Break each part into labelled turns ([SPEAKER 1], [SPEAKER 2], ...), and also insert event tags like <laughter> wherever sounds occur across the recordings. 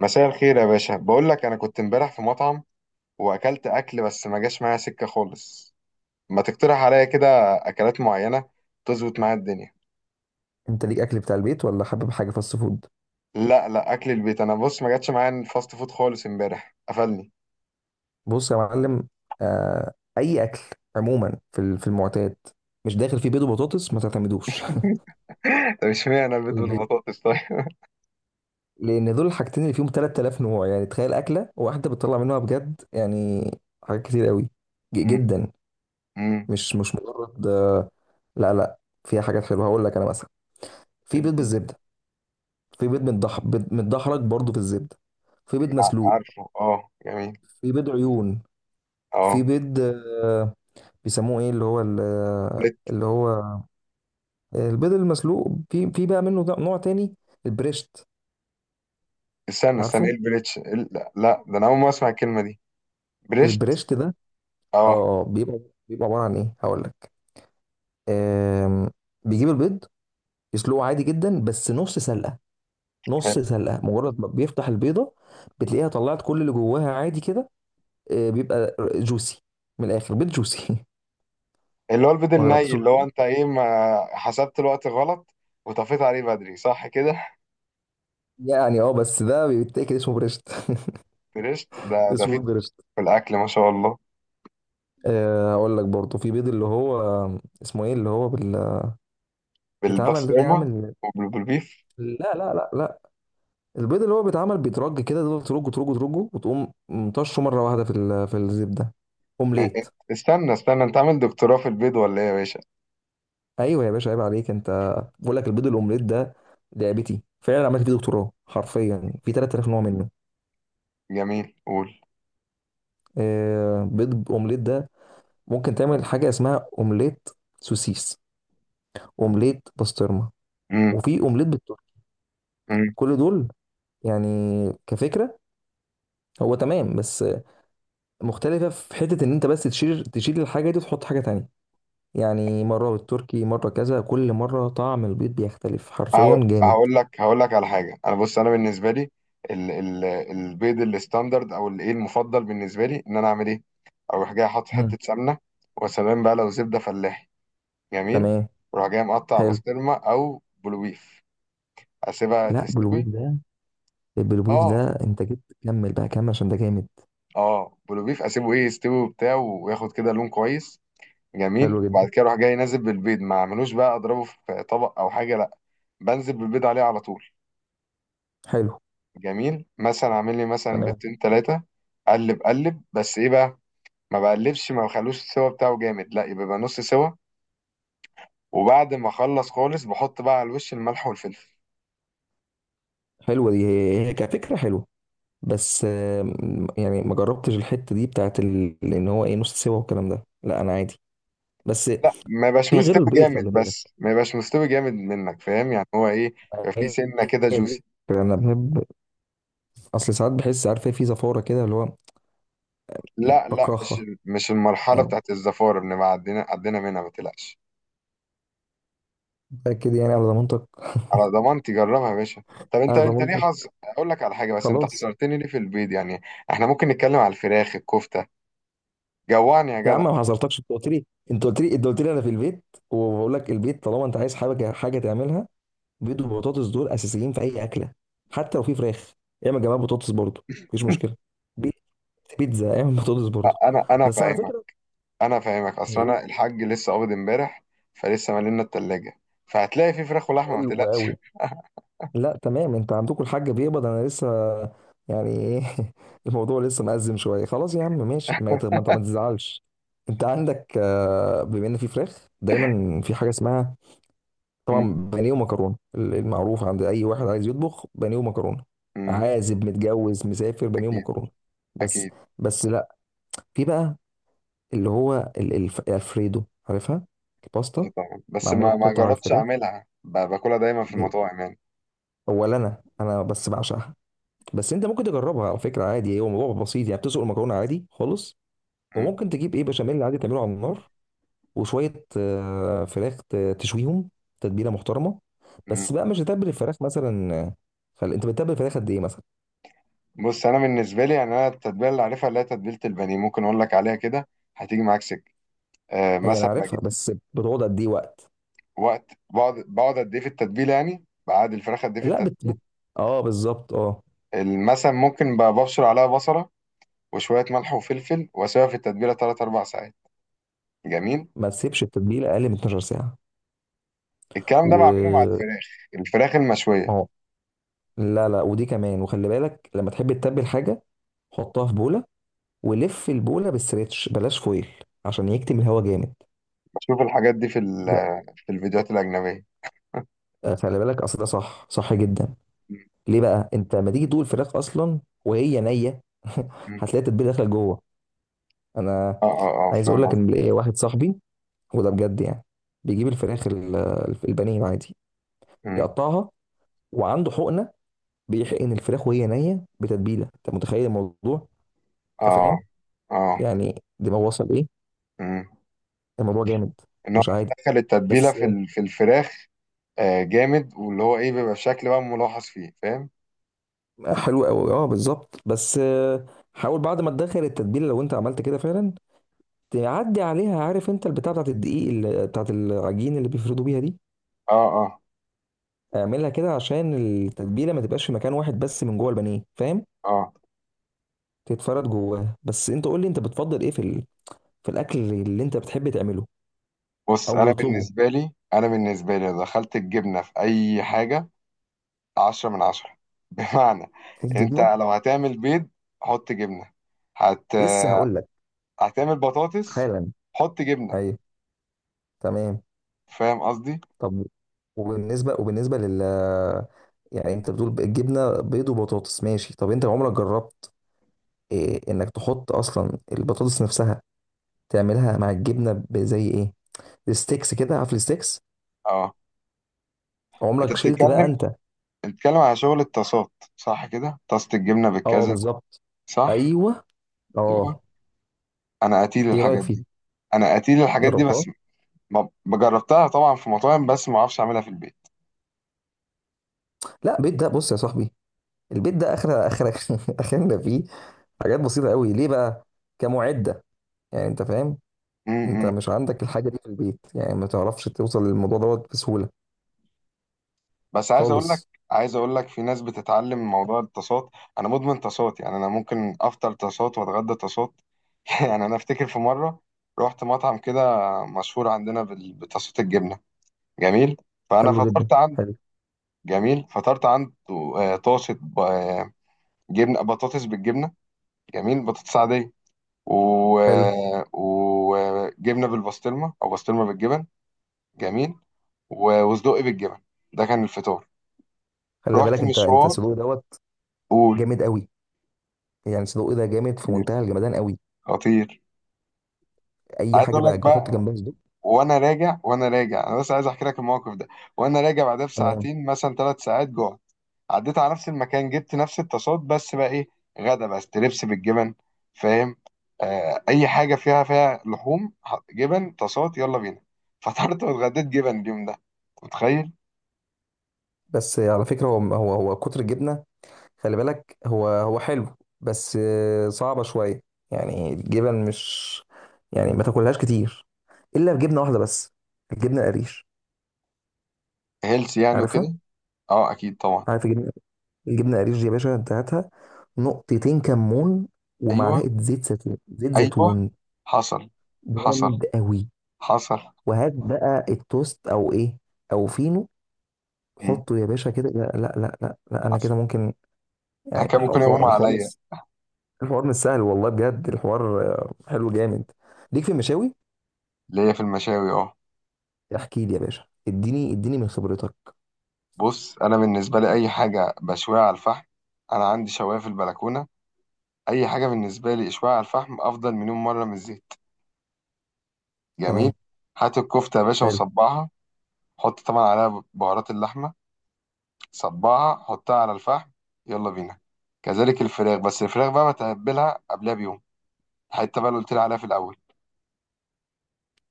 [SPEAKER 1] مساء الخير يا باشا، بقول لك انا كنت امبارح في مطعم واكلت اكل، بس ما جاش معايا سكه خالص. ما تقترح عليا كده اكلات معينه تظبط معايا الدنيا.
[SPEAKER 2] انت ليك اكل بتاع البيت ولا حابب حاجه فاست فود؟
[SPEAKER 1] لا لا، اكل البيت. انا بص ما جاتش معايا الفاست فود خالص، امبارح قفلني.
[SPEAKER 2] بص يا معلم. اي اكل عموما في المعتاد مش داخل فيه بيض وبطاطس، ما تعتمدوش <laughs>
[SPEAKER 1] <laughs> طب اشمعنى البيض
[SPEAKER 2] في البيت،
[SPEAKER 1] بالبطاطس طيب؟
[SPEAKER 2] لان دول الحاجتين اللي فيهم 3000 نوع. يعني تخيل اكله واحده بتطلع منها بجد، يعني حاجات كتير قوي،
[SPEAKER 1] م-
[SPEAKER 2] جدا.
[SPEAKER 1] م.
[SPEAKER 2] مش مجرد لا لا، فيها حاجات حلوه. هقول لك انا مثلا، في بيض بالزبده، في بيض متضح، بيض متدحرج برضه في الزبده، في بيض مسلوق،
[SPEAKER 1] عارفه، اه جميل.
[SPEAKER 2] في بيض عيون، في
[SPEAKER 1] اه،
[SPEAKER 2] بيض، آه، بيسموه ايه، اللي هو
[SPEAKER 1] بلت-
[SPEAKER 2] اللي هو البيض المسلوق. في في بقى منه نوع تاني، البريشت.
[SPEAKER 1] استنى استنى ايه
[SPEAKER 2] عارفه؟
[SPEAKER 1] البليتش؟ إيه لا لا، ده انا اول ما اسمع الكلمه دي. بليشت.
[SPEAKER 2] البريشت ده
[SPEAKER 1] اه.
[SPEAKER 2] اه اه بيبقى بيبقى عباره عن ايه؟ هقول لك. آم، بيجيب البيض، يسلقه عادي جدا بس نص سلقه. نص سلقه مجرد ما بيفتح البيضه بتلاقيها طلعت كل اللي جواها عادي كده. بيبقى جوسي. من الاخر بيض جوسي.
[SPEAKER 1] اللي هو البيض
[SPEAKER 2] <laughs> ما
[SPEAKER 1] الني،
[SPEAKER 2] جربتش قبل
[SPEAKER 1] اللي هو
[SPEAKER 2] كده؟
[SPEAKER 1] انت ايه، ما حسبت الوقت غلط وطفيت عليه بدري، صح كده؟
[SPEAKER 2] يعني اه، بس ده بيتاكل، اسمه بريشت.
[SPEAKER 1] <laughs> فرشت،
[SPEAKER 2] <laughs>
[SPEAKER 1] ده في
[SPEAKER 2] اسمه بريشت.
[SPEAKER 1] في الاكل ما شاء الله.
[SPEAKER 2] اقول لك برضو، في بيض اللي هو اسمه ايه، اللي هو بيتعمل زي
[SPEAKER 1] بالبسطرمه
[SPEAKER 2] عامل.
[SPEAKER 1] وبالبيف.
[SPEAKER 2] لا لا لا لا، البيض اللي هو بيتعمل بيترج كده. تفضل ترجه ترجه ترجه، وتقوم مطشه مره واحده في في الزبده.
[SPEAKER 1] اه،
[SPEAKER 2] اومليت.
[SPEAKER 1] اه. استنى استنى، انت عامل دكتوراه في البيض ولا ايه يا باشا؟
[SPEAKER 2] ايوه يا باشا، عيب عليك. انت بقول لك البيض الاومليت ده لعبتي. فعلا عملت فيه دكتوراه، حرفيا في 3000 نوع منه.
[SPEAKER 1] جميل، قول.
[SPEAKER 2] بيض اومليت ده ممكن تعمل حاجه اسمها اومليت سوسيس، اومليت بسطرمه،
[SPEAKER 1] امم.
[SPEAKER 2] وفي اومليت بالتركي.
[SPEAKER 1] امم.
[SPEAKER 2] كل دول يعني كفكره هو تمام، بس مختلفة في حتة إن أنت بس تشيل الحاجة دي وتحط حاجة تانية. يعني مرة بالتركي، مرة كذا. كل مرة طعم البيض بيختلف، حرفيا جامد.
[SPEAKER 1] هقول لك على حاجه. انا بص، انا بالنسبه لي ال ال البيض الستاندرد او الايه المفضل بالنسبه لي، ان انا اعمل ايه؟ اروح جاي احط
[SPEAKER 2] مم.
[SPEAKER 1] حته سمنه، وسلام بقى، لو زبده فلاحي جميل.
[SPEAKER 2] تمام،
[SPEAKER 1] وراح جاي مقطع
[SPEAKER 2] حلو.
[SPEAKER 1] بسطرمه او بلوبيف، اسيبها
[SPEAKER 2] لا،
[SPEAKER 1] تستوي.
[SPEAKER 2] بالبيض ده، بالبيض
[SPEAKER 1] اه،
[SPEAKER 2] ده أنت جبت كمل بقى، كمل عشان ده جامد.
[SPEAKER 1] اه بلوبيف، اسيبه ايه يستوي وبتاع وياخد كده لون كويس،
[SPEAKER 2] حلو
[SPEAKER 1] جميل. وبعد
[SPEAKER 2] جدا،
[SPEAKER 1] كده اروح جاي نازل بالبيض، ما اعملوش بقى اضربه في طبق او حاجه، لا، بنزل بالبيض عليه على طول.
[SPEAKER 2] حلو.
[SPEAKER 1] جميل، مثلا اعمل لي مثلا
[SPEAKER 2] تمام.
[SPEAKER 1] بيضتين ثلاثه، قلب قلب بس ايه بقى، ما بقلبش، ما بخلوش السوا بتاعه جامد، لا يبقى، بقى نص سوا. وبعد ما اخلص خالص بحط بقى على الوش الملح والفلفل.
[SPEAKER 2] حلوة دي، هي كفكرة حلوة بس. يعني ما جربتش الحتة دي بتاعت إن هو إيه، نص سوا والكلام ده. لا أنا عادي. بس
[SPEAKER 1] لا ما يبقاش
[SPEAKER 2] في
[SPEAKER 1] مستوي
[SPEAKER 2] غير البيض، خلي
[SPEAKER 1] جامد،
[SPEAKER 2] بالك.
[SPEAKER 1] بس ما يبقاش مستوي جامد، منك فاهم؟ يعني هو ايه، يبقى في
[SPEAKER 2] هي
[SPEAKER 1] سنه
[SPEAKER 2] دي
[SPEAKER 1] كده جوسي.
[SPEAKER 2] الفكرة. أنا بحب، اصل ساعات بحس عارف إيه، في زفاره كده اللي هو
[SPEAKER 1] لا لا، مش
[SPEAKER 2] بكرهها
[SPEAKER 1] مش المرحله
[SPEAKER 2] يعني.
[SPEAKER 1] بتاعت الزفاره، بنبقى عدينا عدينا منها، ما تقلقش.
[SPEAKER 2] متاكد يعني؟ على ضمانتك؟
[SPEAKER 1] على ضمانتي، جربها يا باشا. طب انت
[SPEAKER 2] على
[SPEAKER 1] انت ليه
[SPEAKER 2] ضمانتك،
[SPEAKER 1] حظ، اقول لك على حاجه، بس انت
[SPEAKER 2] خلاص.
[SPEAKER 1] حصرتني ليه في البيض يعني؟ احنا ممكن نتكلم على الفراخ، الكفته، جوعني يا
[SPEAKER 2] يا عم،
[SPEAKER 1] جدع.
[SPEAKER 2] ما حذرتكش؟ انت قلت لي، انا في البيت. وبقول لك البيت، طالما انت عايز حاجه، حاجه تعملها، بيض وبطاطس دول اساسيين في اي اكله. حتى لو في فراخ، اعمل جنبها بطاطس برضه، مفيش مشكله. بي- بيتزا اعمل بطاطس برضه.
[SPEAKER 1] لا، انا انا
[SPEAKER 2] بس على
[SPEAKER 1] فاهمك
[SPEAKER 2] فكره.
[SPEAKER 1] انا فاهمك اصل
[SPEAKER 2] حلو
[SPEAKER 1] انا الحاج لسه قابض امبارح، فلسه مالنا التلاجه، فهتلاقي في فراخ ولحمه ما تقلقش.
[SPEAKER 2] قوي. لا تمام، انت عندكم الحاج بيقبض، انا لسه. يعني ايه؟ <laughs> الموضوع لسه مأزم شويه. خلاص يا عم، ماشي، ما انت ما تزعلش. انت عندك، بما ان في فراخ، دايما في حاجه اسمها،
[SPEAKER 1] م-
[SPEAKER 2] طبعا، بانيه ومكرونه. المعروف عند اي واحد عايز يطبخ بانيه ومكرونه.
[SPEAKER 1] م-
[SPEAKER 2] عازب، متجوز، مسافر، بانيه
[SPEAKER 1] اكيد،
[SPEAKER 2] ومكرونه. بس
[SPEAKER 1] اكيد.
[SPEAKER 2] بس لا، في بقى اللي هو الفريدو. عارفها؟
[SPEAKER 1] اه
[SPEAKER 2] الباستا،
[SPEAKER 1] طبعا، بس
[SPEAKER 2] معموله
[SPEAKER 1] ما
[SPEAKER 2] بقطع
[SPEAKER 1] جربتش
[SPEAKER 2] الفراخ.
[SPEAKER 1] اعملها، باكلها دايما في
[SPEAKER 2] إيه،
[SPEAKER 1] المطاعم يعني.
[SPEAKER 2] اولا انا بس بعشقها. بس انت ممكن تجربها على فكره عادي، هو موضوع بسيط. يعني بتسلق المكرونه عادي خالص،
[SPEAKER 1] مم.
[SPEAKER 2] وممكن تجيب ايه، بشاميل عادي تعمله على النار، وشويه فراخ تشويهم، تتبيله محترمه.
[SPEAKER 1] مم.
[SPEAKER 2] بس بقى مش هتتبل الفراخ مثلا؟ انت بتتبل الفراخ قد ايه مثلا؟
[SPEAKER 1] بص انا بالنسبه لي يعني، انا التتبيله اللي عارفها اللي هي تتبيله البانيه، ممكن اقول لك عليها كده، هتيجي معاك سكه. آه
[SPEAKER 2] هي انا
[SPEAKER 1] مثلا بجيب،
[SPEAKER 2] عارفها، بس بتقعد قد ايه وقت؟
[SPEAKER 1] وقت بقعد قد ايه في التتبيله؟ يعني بعد الفراخ قد ايه في
[SPEAKER 2] لا
[SPEAKER 1] التتبيله؟
[SPEAKER 2] اه بالظبط، اه.
[SPEAKER 1] مثلا ممكن، ببشر عليها بصله وشويه ملح وفلفل، واسيبها في التتبيله 3 4 ساعات. جميل.
[SPEAKER 2] ما تسيبش التتبيله اقل من 12 ساعه.
[SPEAKER 1] الكلام ده بعمله مع
[SPEAKER 2] و
[SPEAKER 1] الفراخ، الفراخ
[SPEAKER 2] ما
[SPEAKER 1] المشويه.
[SPEAKER 2] هو. لا لا، ودي كمان، وخلي بالك لما تحب تتبل حاجه، حطها في بوله، ولف البوله بالستريتش، بلاش فويل، عشان يكتم الهواء جامد
[SPEAKER 1] بشوف الحاجات دي
[SPEAKER 2] ده.
[SPEAKER 1] في الفيديوهات الاجنبيه.
[SPEAKER 2] خلي بالك، اصل ده صح صح جدا.
[SPEAKER 1] مم.
[SPEAKER 2] ليه بقى؟ انت لما تيجي تدوق الفراخ اصلا وهي نيه <laughs>
[SPEAKER 1] مم.
[SPEAKER 2] هتلاقي التتبيله داخله جوه. انا
[SPEAKER 1] اه اه اه،
[SPEAKER 2] عايز اقول
[SPEAKER 1] فاهم
[SPEAKER 2] لك ان ليا واحد صاحبي، وده بجد يعني، بيجيب الفراخ البانيه العادي،
[SPEAKER 1] قصدي.
[SPEAKER 2] يقطعها، وعنده حقنه، بيحقن الفراخ وهي نيه بتتبيله. انت متخيل الموضوع؟ انت
[SPEAKER 1] اه
[SPEAKER 2] فاهم
[SPEAKER 1] اه.
[SPEAKER 2] يعني دماغه وصل ايه؟
[SPEAKER 1] امم.
[SPEAKER 2] الموضوع جامد،
[SPEAKER 1] ان هو
[SPEAKER 2] مش
[SPEAKER 1] بس
[SPEAKER 2] عادي.
[SPEAKER 1] دخل التتبيله
[SPEAKER 2] بس
[SPEAKER 1] في الفراخ. آه جامد، واللي هو ايه، بيبقى الشكل بقى ملاحظ فيه، فاهم؟
[SPEAKER 2] حلو قوي، اه بالظبط. بس حاول بعد ما تدخل التتبيله، لو انت عملت كده فعلا، تعدي عليها، عارف انت البتاع بتاعت الدقيق، اللي بتاعت العجين، اللي بيفردوا بيها دي،
[SPEAKER 1] اه اه
[SPEAKER 2] اعملها كده عشان التتبيله ما تبقاش في مكان واحد بس من جوه البانيه، فاهم؟
[SPEAKER 1] اه.
[SPEAKER 2] تتفرد جواها. بس انت قول لي، انت بتفضل ايه في في الاكل اللي انت بتحب تعمله
[SPEAKER 1] بص،
[SPEAKER 2] او
[SPEAKER 1] انا
[SPEAKER 2] بتطلبه؟
[SPEAKER 1] بالنسبه لي انا بالنسبه لي لو دخلت الجبنه في اي حاجه، عشرة من عشرة. <laughs> بمعنى، انت
[SPEAKER 2] الجبنه.
[SPEAKER 1] لو هتعمل بيض حط جبنه، هت
[SPEAKER 2] لسه هقول لك،
[SPEAKER 1] هتعمل بطاطس
[SPEAKER 2] حالا.
[SPEAKER 1] حط جبنه،
[SPEAKER 2] ايوه تمام.
[SPEAKER 1] فاهم قصدي؟
[SPEAKER 2] طب وبالنسبه، يعني انت بتقول الجبنه بيض وبطاطس، ماشي. طب انت عمرك جربت إيه، انك تحط اصلا البطاطس نفسها، تعملها مع الجبنه، زي ايه، الستيكس كده، عارف الستيكس؟
[SPEAKER 1] اه، انت
[SPEAKER 2] عمرك شلت بقى
[SPEAKER 1] بتتكلم،
[SPEAKER 2] انت؟
[SPEAKER 1] بتتكلم على شغل الطاسات، صح كده؟ طاسه الجبنه
[SPEAKER 2] اه
[SPEAKER 1] بالكذا،
[SPEAKER 2] بالظبط.
[SPEAKER 1] صح.
[SPEAKER 2] ايوه
[SPEAKER 1] أيوه.
[SPEAKER 2] اه.
[SPEAKER 1] انا قتيل
[SPEAKER 2] ايه رايك
[SPEAKER 1] الحاجات دي،
[SPEAKER 2] فيه؟
[SPEAKER 1] انا قتيل الحاجات دي
[SPEAKER 2] جربتها؟
[SPEAKER 1] بس ما جربتها، طبعا في مطاعم، بس ما اعرفش اعملها في البيت.
[SPEAKER 2] لا البيت ده، بص يا صاحبي، البيت ده اخر اخر <laughs> اخرنا فيه حاجات بسيطه قوي. ليه بقى؟ كمعده يعني، انت فاهم؟ انت
[SPEAKER 1] امم.
[SPEAKER 2] مش عندك الحاجه دي في البيت، يعني ما تعرفش توصل للموضوع دوت بسهوله
[SPEAKER 1] بس عايز اقول لك
[SPEAKER 2] خالص.
[SPEAKER 1] عايز اقول لك في ناس بتتعلم موضوع الطاسات، انا مدمن طاسات، يعني انا ممكن افطر طاسات واتغدى طاسات. <laughs> يعني انا افتكر في مره رحت مطعم كده، مشهور عندنا بطاسات الجبنه. جميل، فانا
[SPEAKER 2] حلو جدا،
[SPEAKER 1] فطرت عنده.
[SPEAKER 2] حلو.
[SPEAKER 1] جميل، فطرت عنده. آه، طاسه جبنه، بطاطس بالجبنه، جميل، بطاطس عاديه، و...
[SPEAKER 2] حلو،
[SPEAKER 1] وجبنه بالبسطرمه، او بسطرمه بالجبن، جميل، وصدق بالجبن. ده كان الفطار.
[SPEAKER 2] خلي بالك.
[SPEAKER 1] رحت
[SPEAKER 2] انت
[SPEAKER 1] مشوار،
[SPEAKER 2] سلوق دوت.
[SPEAKER 1] قول.
[SPEAKER 2] جامد قوي يعني، سلوق ده جامد، في
[SPEAKER 1] خطير،
[SPEAKER 2] منتهى الجمدان قوي.
[SPEAKER 1] خطير.
[SPEAKER 2] اي
[SPEAKER 1] عايز
[SPEAKER 2] حاجه
[SPEAKER 1] اقول لك
[SPEAKER 2] بقى حط
[SPEAKER 1] بقى،
[SPEAKER 2] جنبها صدوق.
[SPEAKER 1] وانا راجع انا بس عايز احكي لك الموقف ده. وانا راجع بعدها
[SPEAKER 2] تمام.
[SPEAKER 1] بساعتين مثلا، ثلاث ساعات، جوع، عديت على نفس المكان، جبت نفس الطاسات، بس بقى ايه، غدا بقى ستريبس بالجبن، فاهم؟ آه اي حاجه فيها لحوم، جبن، طاسات، يلا بينا. فطرت واتغديت جبن اليوم ده، متخيل؟
[SPEAKER 2] بس على فكره، هو هو كتر الجبنه، خلي بالك. هو حلو، بس صعبه شويه. يعني الجبن مش، يعني ما تاكلهاش كتير، الا بجبنه واحده بس، الجبنه القريش.
[SPEAKER 1] هيلث يعني
[SPEAKER 2] عارفها؟
[SPEAKER 1] وكده. اه اكيد طبعا.
[SPEAKER 2] عارف الجبنه، الجبنه القريش دي؟ يا باشا انت هاتها، نقطتين كمون،
[SPEAKER 1] ايوه
[SPEAKER 2] ومعلقه زيت زيتون، زيت
[SPEAKER 1] ايوه،
[SPEAKER 2] زيتون.
[SPEAKER 1] حصل حصل
[SPEAKER 2] جامد قوي.
[SPEAKER 1] حصل.
[SPEAKER 2] وهات بقى التوست او ايه، او فينو،
[SPEAKER 1] مم.
[SPEAKER 2] حطه يا باشا كده. لا لا لا لا, لا انا
[SPEAKER 1] حصل.
[SPEAKER 2] كده ممكن.
[SPEAKER 1] انا
[SPEAKER 2] يعني
[SPEAKER 1] كان ممكن يقوم
[SPEAKER 2] الحوار، الحوار
[SPEAKER 1] عليا.
[SPEAKER 2] مش، الحوار مش سهل والله بجد. الحوار حلو جامد. ليك في المشاوي؟
[SPEAKER 1] اللي هي في المشاوي، اه.
[SPEAKER 2] احكي لي يا باشا، اديني اديني من خبرتك.
[SPEAKER 1] بص انا بالنسبه لي، اي حاجه بشويها على الفحم، انا عندي شوايه في البلكونه، اي حاجه بالنسبه لي اشويها على الفحم افضل مليون مره من الزيت. جميل،
[SPEAKER 2] تمام،
[SPEAKER 1] هات الكفته يا باشا
[SPEAKER 2] حلو.
[SPEAKER 1] وصبعها، حط طبعا عليها بهارات اللحمه، صبعها حطها على الفحم، يلا بينا. كذلك الفراخ، بس الفراخ بقى بتبلها قبلها بيوم، الحته بقى اللي قلت لي عليها في الاول،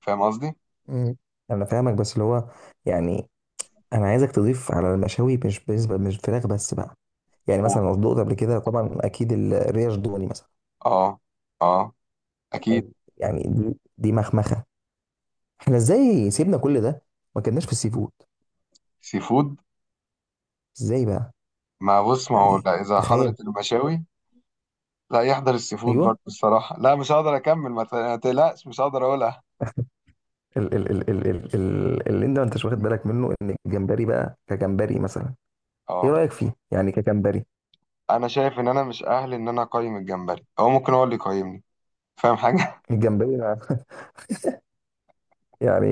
[SPEAKER 1] فاهم قصدي؟
[SPEAKER 2] مم. انا فاهمك، بس اللي هو يعني، انا عايزك تضيف على المشاوي، مش بالنسبه مش فراخ بس بقى. يعني
[SPEAKER 1] و...
[SPEAKER 2] مثلا لو دقت قبل كده طبعا، اكيد الريش دوني مثلا.
[SPEAKER 1] اه اه اكيد.
[SPEAKER 2] يعني دي مخمخه. احنا ازاي سيبنا كل ده؟ ما كناش في السي فود.
[SPEAKER 1] سي فود.
[SPEAKER 2] ازاي بقى؟
[SPEAKER 1] ما بص، ما هو
[SPEAKER 2] يعني
[SPEAKER 1] لا، اذا
[SPEAKER 2] تخيل.
[SPEAKER 1] حضرت المشاوي لا يحضر السي فود برضه
[SPEAKER 2] ايوه
[SPEAKER 1] الصراحه، لا مش هقدر اكمل، ما تقلقش، مش هقدر اقولها.
[SPEAKER 2] ال ال ال ال ال ال اللي انت ما انتش واخد بالك منه، ان الجمبري بقى كجمبري مثلا، ايه
[SPEAKER 1] اه.
[SPEAKER 2] رأيك فيه يعني كجمبري؟
[SPEAKER 1] انا شايف ان انا مش اهل ان انا اقيم الجمبري، هو ممكن هو اللي يقيمني، فاهم حاجه؟
[SPEAKER 2] الجمبري <laughs> يعني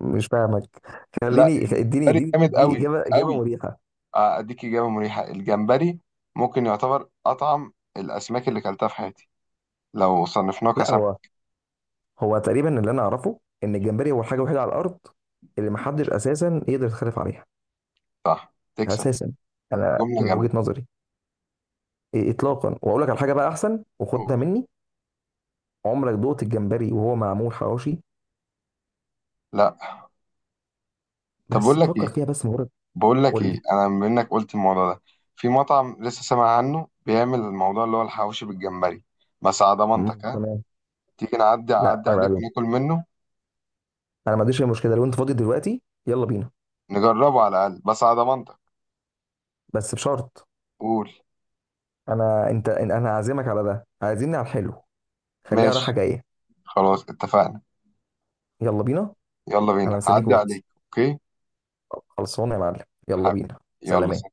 [SPEAKER 2] مش فاهمك.
[SPEAKER 1] <laughs> لا،
[SPEAKER 2] اديني
[SPEAKER 1] الجمبري
[SPEAKER 2] اديني
[SPEAKER 1] جامد،
[SPEAKER 2] اديني
[SPEAKER 1] قوي
[SPEAKER 2] اجابه اجابه
[SPEAKER 1] قوي.
[SPEAKER 2] مريحه.
[SPEAKER 1] آه، اديك اجابه مريحه، الجمبري ممكن يعتبر اطعم الاسماك اللي كلتها في حياتي، لو صنفناه
[SPEAKER 2] لا
[SPEAKER 1] كسمك.
[SPEAKER 2] هو، تقريبا اللي انا اعرفه، ان الجمبري هو الحاجه الوحيده على الارض اللي ما حدش اساسا يقدر يتخلف عليها
[SPEAKER 1] صح تكسب،
[SPEAKER 2] اساسا، انا
[SPEAKER 1] جمله
[SPEAKER 2] من
[SPEAKER 1] جامده،
[SPEAKER 2] وجهة نظري. إيه، اطلاقا. واقول لك على حاجه بقى، احسن وخدها
[SPEAKER 1] قول.
[SPEAKER 2] مني. عمرك دوقت الجمبري وهو معمول حواوشي؟
[SPEAKER 1] لا، طب بقول
[SPEAKER 2] بس
[SPEAKER 1] لك
[SPEAKER 2] فكر
[SPEAKER 1] ايه
[SPEAKER 2] فيها، بس مجرد.
[SPEAKER 1] بقول لك
[SPEAKER 2] قول
[SPEAKER 1] ايه
[SPEAKER 2] لي.
[SPEAKER 1] انا بما انك قلت الموضوع ده، في مطعم لسه سامع عنه بيعمل الموضوع، اللي هو الحواوشي بالجمبري، بس على
[SPEAKER 2] مم،
[SPEAKER 1] ضمانتك ها،
[SPEAKER 2] تمام.
[SPEAKER 1] تيجي نعدي،
[SPEAKER 2] لا
[SPEAKER 1] اعدي عليك وناكل منه.
[SPEAKER 2] انا ما عنديش اي مشكله، لو انت فاضي دلوقتي يلا بينا.
[SPEAKER 1] نجربه على الاقل، بس على ضمانتك،
[SPEAKER 2] بس بشرط،
[SPEAKER 1] قول.
[SPEAKER 2] انا هعزمك على ده، عايزيني على الحلو، خليها راحه
[SPEAKER 1] ماشي،
[SPEAKER 2] جايه.
[SPEAKER 1] خلاص اتفقنا.
[SPEAKER 2] يلا بينا.
[SPEAKER 1] يلا
[SPEAKER 2] انا
[SPEAKER 1] بينا،
[SPEAKER 2] مستنيك
[SPEAKER 1] هعدي عليك،
[SPEAKER 2] واتس.
[SPEAKER 1] اوكي
[SPEAKER 2] خلصانه يا معلم، يلا
[SPEAKER 1] حبيبي،
[SPEAKER 2] بينا.
[SPEAKER 1] يلا.
[SPEAKER 2] سلام.